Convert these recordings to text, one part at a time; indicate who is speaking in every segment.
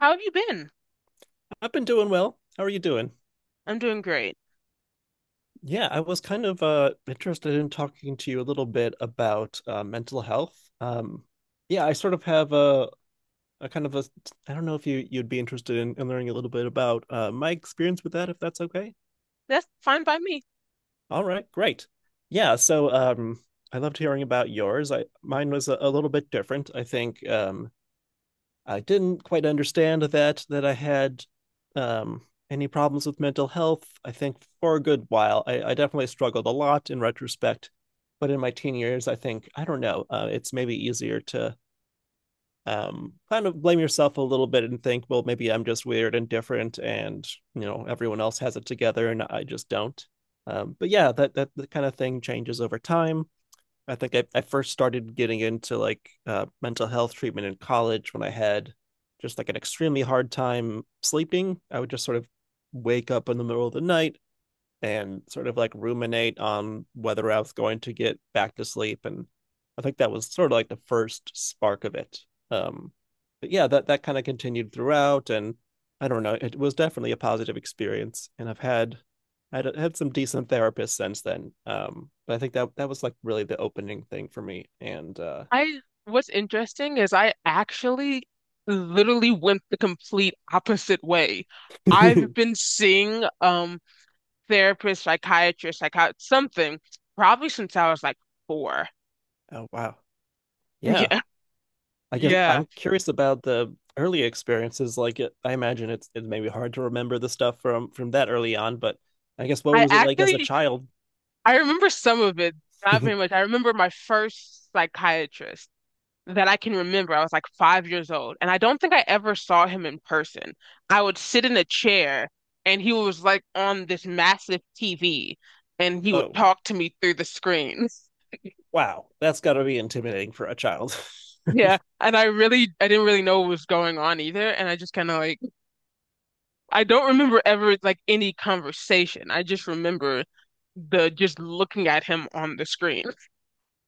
Speaker 1: How have you been?
Speaker 2: I've been doing well. How are you doing?
Speaker 1: I'm doing great.
Speaker 2: Yeah, I was kind of interested in talking to you a little bit about mental health. Yeah, I sort of have a kind of a I don't know if you'd be interested in learning a little bit about my experience with that, if that's okay.
Speaker 1: That's fine by me.
Speaker 2: All right, great. Yeah, so I loved hearing about yours. I mine was a little bit different. I think I didn't quite understand that I had um, any problems with mental health. I think for a good while, I definitely struggled a lot in retrospect. But in my teen years, I think I don't know. It's maybe easier to kind of blame yourself a little bit and think, well, maybe I'm just weird and different, and you know everyone else has it together and I just don't. But yeah, that that kind of thing changes over time. I think I first started getting into like mental health treatment in college when I had just like an extremely hard time sleeping. I would just sort of wake up in the middle of the night and sort of like ruminate on whether I was going to get back to sleep. And I think that was sort of like the first spark of it. Um, but yeah, that kind of continued throughout. And I don't know, it was definitely a positive experience. And I had some decent therapists since then. But I think that was like really the opening thing for me. And
Speaker 1: What's interesting is I actually literally went the complete opposite way. I've
Speaker 2: oh
Speaker 1: been seeing therapist, psychiatrist, something probably since I was like four.
Speaker 2: wow, yeah,
Speaker 1: Yeah.
Speaker 2: I guess
Speaker 1: Yeah.
Speaker 2: I'm curious about the early experiences. I imagine it may be hard to remember the stuff from that early on, but I guess what
Speaker 1: I
Speaker 2: was it like as a
Speaker 1: actually
Speaker 2: child?
Speaker 1: I remember some of it, not very much. I remember my first psychiatrist that I can remember. I was like 5 years old, and I don't think I ever saw him in person. I would sit in a chair, and he was like on this massive TV, and he would
Speaker 2: Oh,
Speaker 1: talk to me through the screen.
Speaker 2: wow, that's got to be intimidating for a child.
Speaker 1: Yeah, and I didn't really know what was going on either, and I just I don't remember ever like any conversation. I just remember the just looking at him on the screen.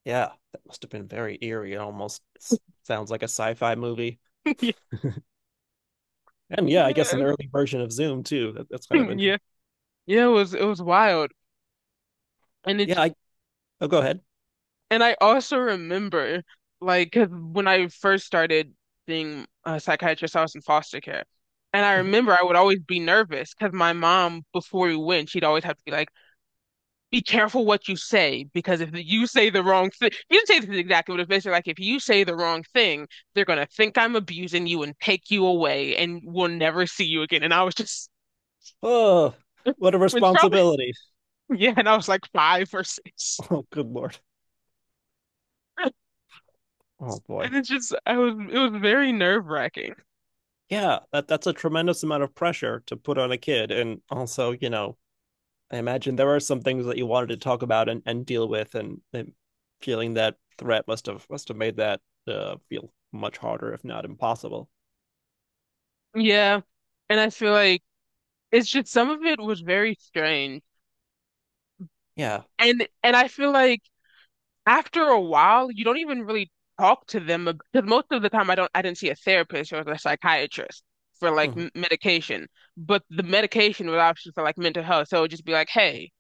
Speaker 2: Yeah, that must have been very eerie. It almost sounds like a sci-fi movie.
Speaker 1: Yeah,
Speaker 2: And yeah, I guess an early version of Zoom too. That's kind of
Speaker 1: yeah,
Speaker 2: interesting.
Speaker 1: yeah. It was wild, and it
Speaker 2: Yeah, I Oh, go ahead.
Speaker 1: And I also remember, like, 'cause when I first started being a psychiatrist, I was in foster care. And I
Speaker 2: Mhm.
Speaker 1: remember I would always be nervous because my mom, before we went, she'd always have to be like, be careful what you say, because if you say the wrong thing, you didn't say this exactly, but it's basically like, if you say the wrong thing, they're going to think I'm abusing you and take you away and we'll never see you again. And I was just,
Speaker 2: Oh, what a
Speaker 1: it's probably,
Speaker 2: responsibility.
Speaker 1: yeah, and I was like five or six.
Speaker 2: Oh, good Lord. Oh
Speaker 1: And
Speaker 2: boy.
Speaker 1: it was very nerve-wracking.
Speaker 2: Yeah, that's a tremendous amount of pressure to put on a kid. And also, you know, I imagine there are some things that you wanted to talk about and, deal with, and feeling that threat must have made that feel much harder, if not impossible.
Speaker 1: Yeah. And I feel like it's just some of it was very strange.
Speaker 2: Yeah.
Speaker 1: And I feel like after a while you don't even really talk to them because most of the time I didn't see a therapist or a psychiatrist for like
Speaker 2: Mhm.
Speaker 1: m medication. But the medication was obviously for like mental health. So it would just be like, "Hey,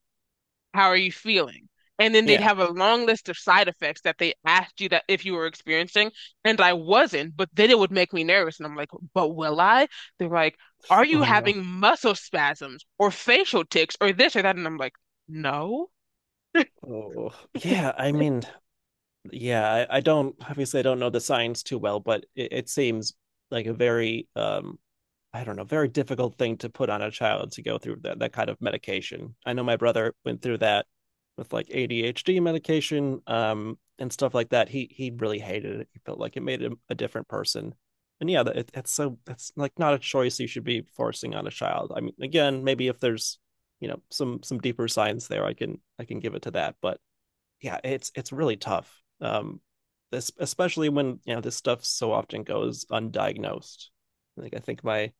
Speaker 1: how are you feeling?" And then they'd
Speaker 2: Yeah.
Speaker 1: have a long list of side effects that they asked you that if you were experiencing, and I wasn't, but then it would make me nervous. And I'm like, but will I? They're like, are you
Speaker 2: Oh no.
Speaker 1: having muscle spasms or facial tics or this or that? And I'm like, no.
Speaker 2: Oh, yeah. I mean, yeah. I don't Obviously I don't know the science too well, but it seems like a very I don't know, very difficult thing to put on a child to go through that kind of medication. I know my brother went through that with like ADHD medication and stuff like that. He really hated it. He felt like it made him a different person. And yeah, it's so it's like not a choice you should be forcing on a child. I mean, again, maybe if there's you know some deeper science there, I can give it to that. But yeah, it's really tough. Especially when you know this stuff so often goes undiagnosed. Like I think my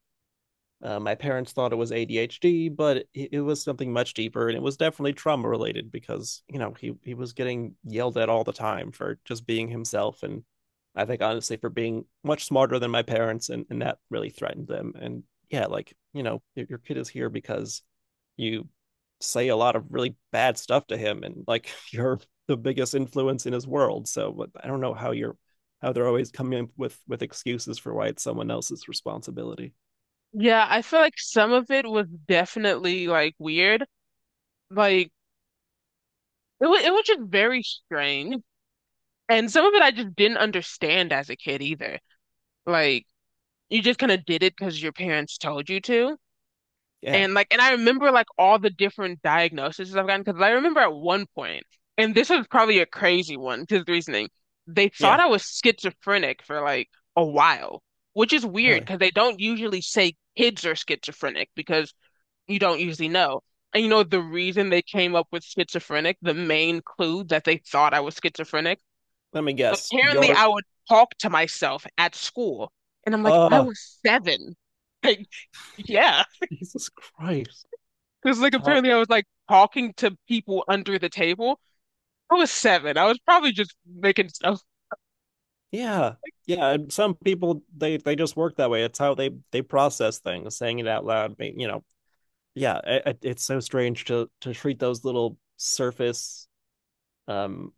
Speaker 2: uh, my parents thought it was ADHD, but it was something much deeper, and it was definitely trauma related because you know he was getting yelled at all the time for just being himself, and I think honestly for being much smarter than my parents, and that really threatened them. And yeah, like you know your, kid is here because you say a lot of really bad stuff to him, and like you're the biggest influence in his world. So I don't know how they're always coming up with excuses for why it's someone else's responsibility.
Speaker 1: Yeah, I feel like some of it was definitely like weird. Like it was just very strange. And some of it I just didn't understand as a kid either. Like you just kind of did it because your parents told you to.
Speaker 2: Yeah,
Speaker 1: And I remember like all the different diagnoses I've gotten because I remember at one point, and this was probably a crazy one because the reasoning, they
Speaker 2: yeah.
Speaker 1: thought I was schizophrenic for like a while, which is weird
Speaker 2: Really?
Speaker 1: because they don't usually say kids are schizophrenic because you don't usually know. And you know, the reason they came up with schizophrenic, the main clue that they thought I was schizophrenic,
Speaker 2: Let me guess.
Speaker 1: apparently
Speaker 2: Your
Speaker 1: I would talk to myself at school. And I'm like, I
Speaker 2: Uh,
Speaker 1: was seven. Like, yeah.
Speaker 2: Jesus Christ.
Speaker 1: Because like
Speaker 2: Talk.
Speaker 1: apparently I was like talking to people under the table. I was seven. I was probably just making stuff.
Speaker 2: Yeah. Yeah. And some people, they just work that way. It's how they process things, saying it out loud. You know, yeah. It's so strange to, treat those little surface, um,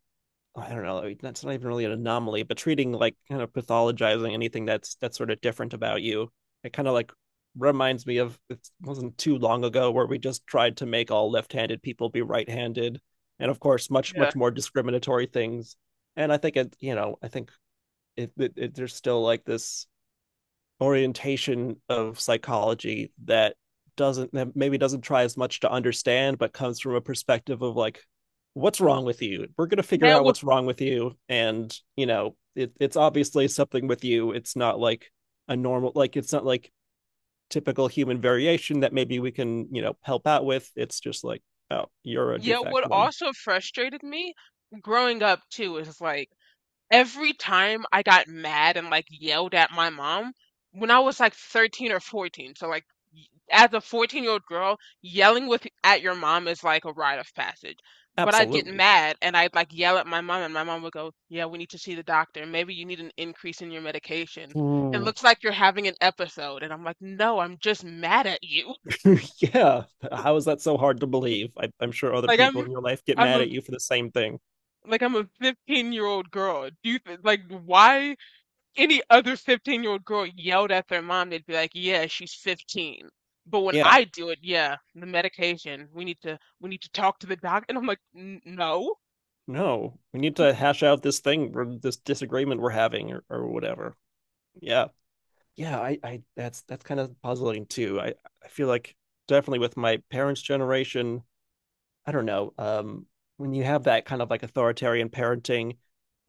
Speaker 2: I don't know, like, that's not even really an anomaly, but treating like kind of pathologizing anything that's sort of different about you. It kind of like reminds me of it wasn't too long ago where we just tried to make all left-handed people be right-handed, and of course much,
Speaker 1: Yeah.
Speaker 2: much more discriminatory things. And I think it you know I think it, it, it there's still like this orientation of psychology that maybe doesn't try as much to understand, but comes from a perspective of like, what's wrong with you, we're going to figure
Speaker 1: Yeah,
Speaker 2: out
Speaker 1: what,
Speaker 2: what's wrong with you. And you know it's obviously something with you. It's not like a normal like it's not like typical human variation that maybe we can help out with. It's just like, oh, you're a
Speaker 1: yeah,
Speaker 2: defect
Speaker 1: what
Speaker 2: one.
Speaker 1: also frustrated me growing up too is like every time I got mad and, like, yelled at my mom, when I was, like, 13 or 14, so, like, y as a 14-year-old girl, yelling with at your mom is like a rite of passage, but I'd get
Speaker 2: Absolutely.
Speaker 1: mad and I'd, like, yell at my mom, and my mom would go, "Yeah, we need to see the doctor. Maybe you need an increase in your medication. It
Speaker 2: Mm.
Speaker 1: looks like you're having an episode," and I'm like, "No, I'm just mad at you."
Speaker 2: Yeah, how is that so hard to believe? I'm sure other
Speaker 1: Like,
Speaker 2: people in your life get
Speaker 1: I'm
Speaker 2: mad
Speaker 1: a
Speaker 2: at you for the same thing.
Speaker 1: I'm a 15-year-old girl. Do you th like, why any other 15-year-old girl yelled at their mom, they'd be like, yeah, she's 15." But when
Speaker 2: Yeah,
Speaker 1: I do it, yeah, the medication, we need to talk to the doc. And I'm like, "N- no.
Speaker 2: no, we need to hash out this thing or this disagreement we're having, or whatever. Yeah. Yeah, I that's kind of puzzling too. I feel like definitely with my parents' generation, I don't know, when you have that kind of like authoritarian parenting,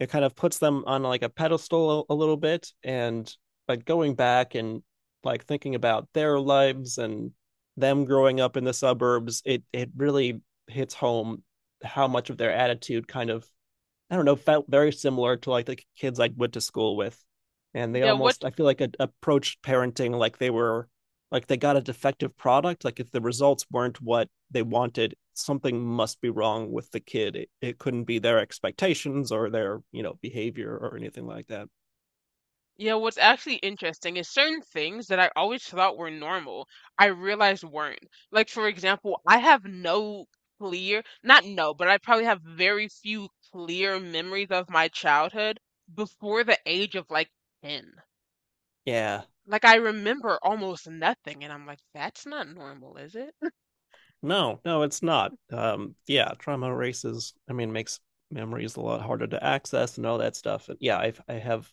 Speaker 2: it kind of puts them on like a pedestal a little bit. And like going back and like thinking about their lives and them growing up in the suburbs, it really hits home how much of their attitude kind of I don't know, felt very similar to like the kids I went to school with. And they
Speaker 1: Yeah, what
Speaker 2: almost, I feel like, approached parenting like they got a defective product. Like if the results weren't what they wanted, something must be wrong with the kid. It couldn't be their expectations or their, you know, behavior or anything like that.
Speaker 1: yeah, what's actually interesting is certain things that I always thought were normal, I realized weren't. Like for example, I have clear, not no, but I probably have very few clear memories of my childhood before the age of like 10.
Speaker 2: Yeah.
Speaker 1: Like, I remember almost nothing, and I'm like, that's not normal, is it?
Speaker 2: No, no, it's not. Yeah, trauma erases, I mean, makes memories a lot harder to access and all that stuff. And yeah, I have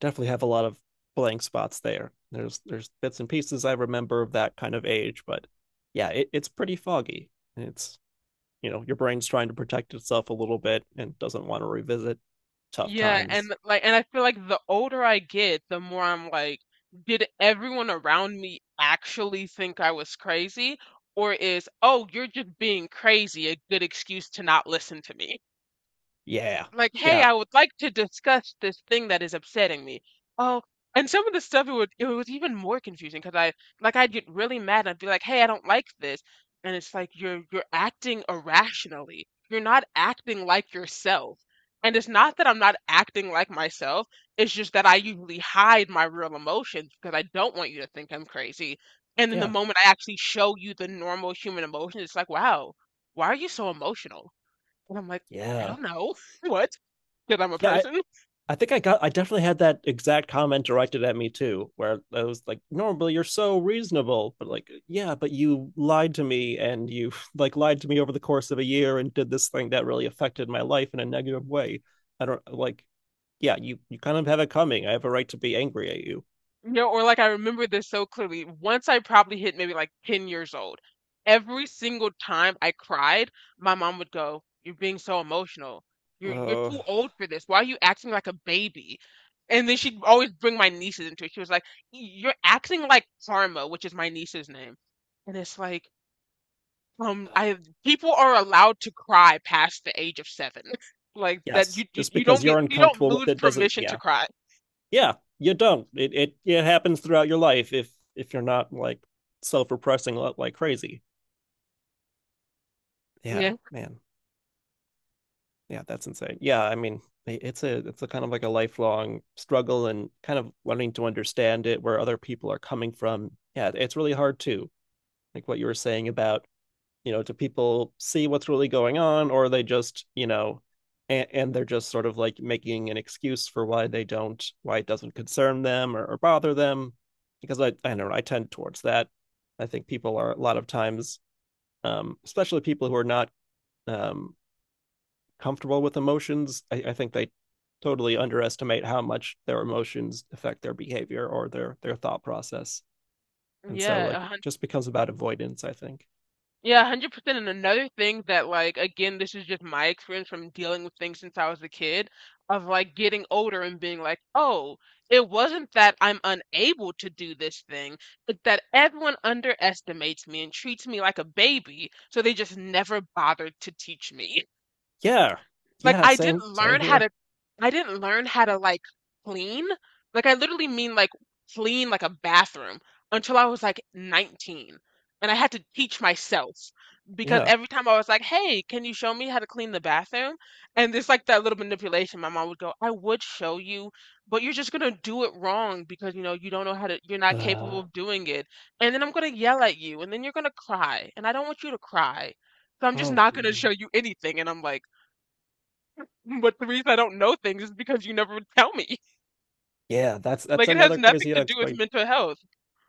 Speaker 2: definitely have a lot of blank spots there. There's bits and pieces I remember of that kind of age, but yeah, it's pretty foggy. It's you know your brain's trying to protect itself a little bit and doesn't want to revisit tough
Speaker 1: Yeah,
Speaker 2: times.
Speaker 1: and I feel like the older I get, the more I'm like, did everyone around me actually think I was crazy? Or is, oh, you're just being crazy, a good excuse to not listen to me?
Speaker 2: Yeah,
Speaker 1: I'm like, hey,
Speaker 2: yeah,
Speaker 1: I would like to discuss this thing that is upsetting me. Oh, and some of the stuff it was even more confusing because I like I'd get really mad and I'd be like, hey, I don't like this, and it's like you're acting irrationally. You're not acting like yourself. And it's not that I'm not acting like myself. It's just that I usually hide my real emotions because I don't want you to think I'm crazy. And then the
Speaker 2: yeah,
Speaker 1: moment I actually show you the normal human emotions, it's like, wow, why are you so emotional? And I'm like, I
Speaker 2: yeah,
Speaker 1: don't know. What? That I'm a
Speaker 2: yeah.
Speaker 1: person.
Speaker 2: I think I got I definitely had that exact comment directed at me too, where I was like, normally you're so reasonable, but like, yeah, but you lied to me and you like lied to me over the course of a year and did this thing that really affected my life in a negative way. I don't like, Yeah, you kind of have it coming. I have a right to be angry at you.
Speaker 1: You know, or like I remember this so clearly. Once I probably hit maybe like 10 years old, every single time I cried, my mom would go, "You're being so emotional. You're
Speaker 2: Uh
Speaker 1: too old for this. Why are you acting like a baby?" And then she'd always bring my nieces into it. She was like, "You're acting like Karma," which is my niece's name. And it's like, I people are allowed to cry past the age of seven. Like
Speaker 2: yes. Just
Speaker 1: you
Speaker 2: because
Speaker 1: don't get
Speaker 2: you're
Speaker 1: you don't
Speaker 2: uncomfortable with
Speaker 1: lose
Speaker 2: it doesn't.
Speaker 1: permission to
Speaker 2: Yeah.
Speaker 1: cry.
Speaker 2: Yeah, you don't. It happens throughout your life if you're not like self-repressing like crazy. Yeah,
Speaker 1: Yeah.
Speaker 2: man. Yeah, that's insane. Yeah, I mean, it's a, kind of like a lifelong struggle and kind of wanting to understand it where other people are coming from. Yeah, it's really hard too, like what you were saying about, you know, do people see what's really going on, or are they just, you know, and they're just sort of like making an excuse for why they don't why it doesn't concern them or bother them, because I don't know, I tend towards that. I think people are a lot of times especially people who are not um comfortable with emotions. I think they totally underestimate how much their emotions affect their behavior or their thought process. And so
Speaker 1: Yeah, a
Speaker 2: like it
Speaker 1: hundred
Speaker 2: just becomes about avoidance, I think.
Speaker 1: Yeah, 100%. And another thing that, like, again, this is just my experience from dealing with things since I was a kid, of like getting older and being like, oh, it wasn't that I'm unable to do this thing, but that everyone underestimates me and treats me like a baby, so they just never bothered to teach me.
Speaker 2: Yeah.
Speaker 1: Like
Speaker 2: Yeah,
Speaker 1: I didn't
Speaker 2: same
Speaker 1: learn how
Speaker 2: here.
Speaker 1: to I didn't learn how to clean. Like I literally mean like clean like a bathroom until I was like 19. And I had to teach myself because
Speaker 2: Yeah.
Speaker 1: every time I was like, "Hey, can you show me how to clean the bathroom?" And there's like that little manipulation. My mom would go, "I would show you, but you're just gonna do it wrong because you know you don't know how to. You're not capable
Speaker 2: Uh,
Speaker 1: of doing it. And then I'm gonna yell at you, and then you're gonna cry, and I don't want you to cry, so I'm just
Speaker 2: oh
Speaker 1: not gonna show you anything." And I'm like. But the reason I don't know things is because you never would tell me.
Speaker 2: yeah, that's
Speaker 1: Like it has
Speaker 2: another
Speaker 1: nothing
Speaker 2: crazy
Speaker 1: to do
Speaker 2: ex.
Speaker 1: with
Speaker 2: Like,
Speaker 1: mental health.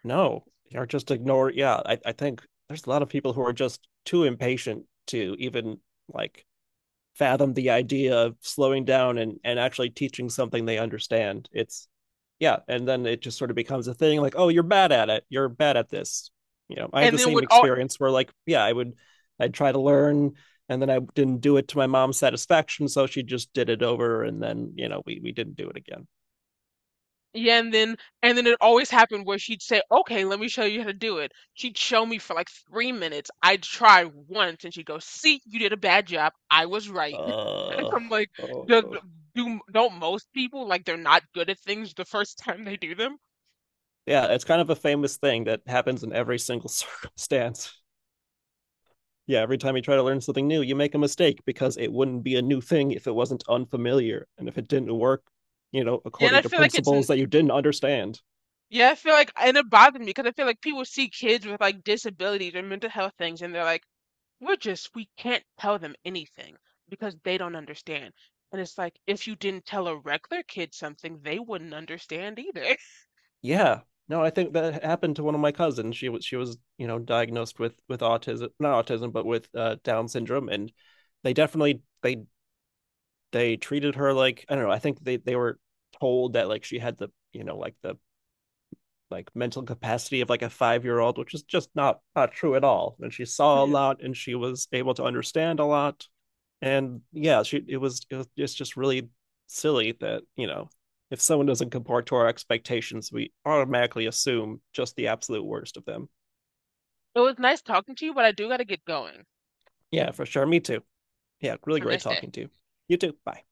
Speaker 2: no, or just ignore. Yeah, I think there's a lot of people who are just too impatient to even like fathom the idea of slowing down and actually teaching something they understand. It's Yeah, and then it just sort of becomes a thing like, oh, you're bad at it. You're bad at this. You know, I had
Speaker 1: And
Speaker 2: the
Speaker 1: then
Speaker 2: same
Speaker 1: would all
Speaker 2: experience where like, yeah, I'd try to learn and then I didn't do it to my mom's satisfaction, so she just did it over and then, you know, we didn't do it again.
Speaker 1: yeah, and then it always happened where she'd say, "Okay, let me show you how to do it." She'd show me for like 3 minutes. I'd try once, and she'd go, "See, you did a bad job. I was right." And
Speaker 2: Uh,
Speaker 1: I'm like, "Does
Speaker 2: oh.
Speaker 1: do don't most people like they're not good at things the first time they do them?"
Speaker 2: Yeah, it's kind of a famous thing that happens in every single circumstance. Yeah, every time you try to learn something new, you make a mistake because it wouldn't be a new thing if it wasn't unfamiliar and if it didn't work, you know,
Speaker 1: Yeah, and I
Speaker 2: according to
Speaker 1: feel like
Speaker 2: principles that you didn't understand.
Speaker 1: it bothered me because I feel like people see kids with like disabilities or mental health things, and they're like we're just, we can't tell them anything because they don't understand. And it's like, if you didn't tell a regular kid something, they wouldn't understand either.
Speaker 2: Yeah. No, I think that happened to one of my cousins. She was, you know, diagnosed with autism, not autism, but with Down syndrome, and they definitely they treated her like I don't know, I think they were told that like she had the, like the mental capacity of like a 5-year-old, which is just not true at all. And she saw a
Speaker 1: Yeah.
Speaker 2: lot, and she was able to understand a lot, and yeah, she it's just really silly that if someone doesn't comport to our expectations, we automatically assume just the absolute worst of them.
Speaker 1: It was nice talking to you, but I do gotta get going.
Speaker 2: Yeah, for sure. Me too. Yeah, really
Speaker 1: Have a
Speaker 2: great
Speaker 1: nice day.
Speaker 2: talking to you. You too. Bye.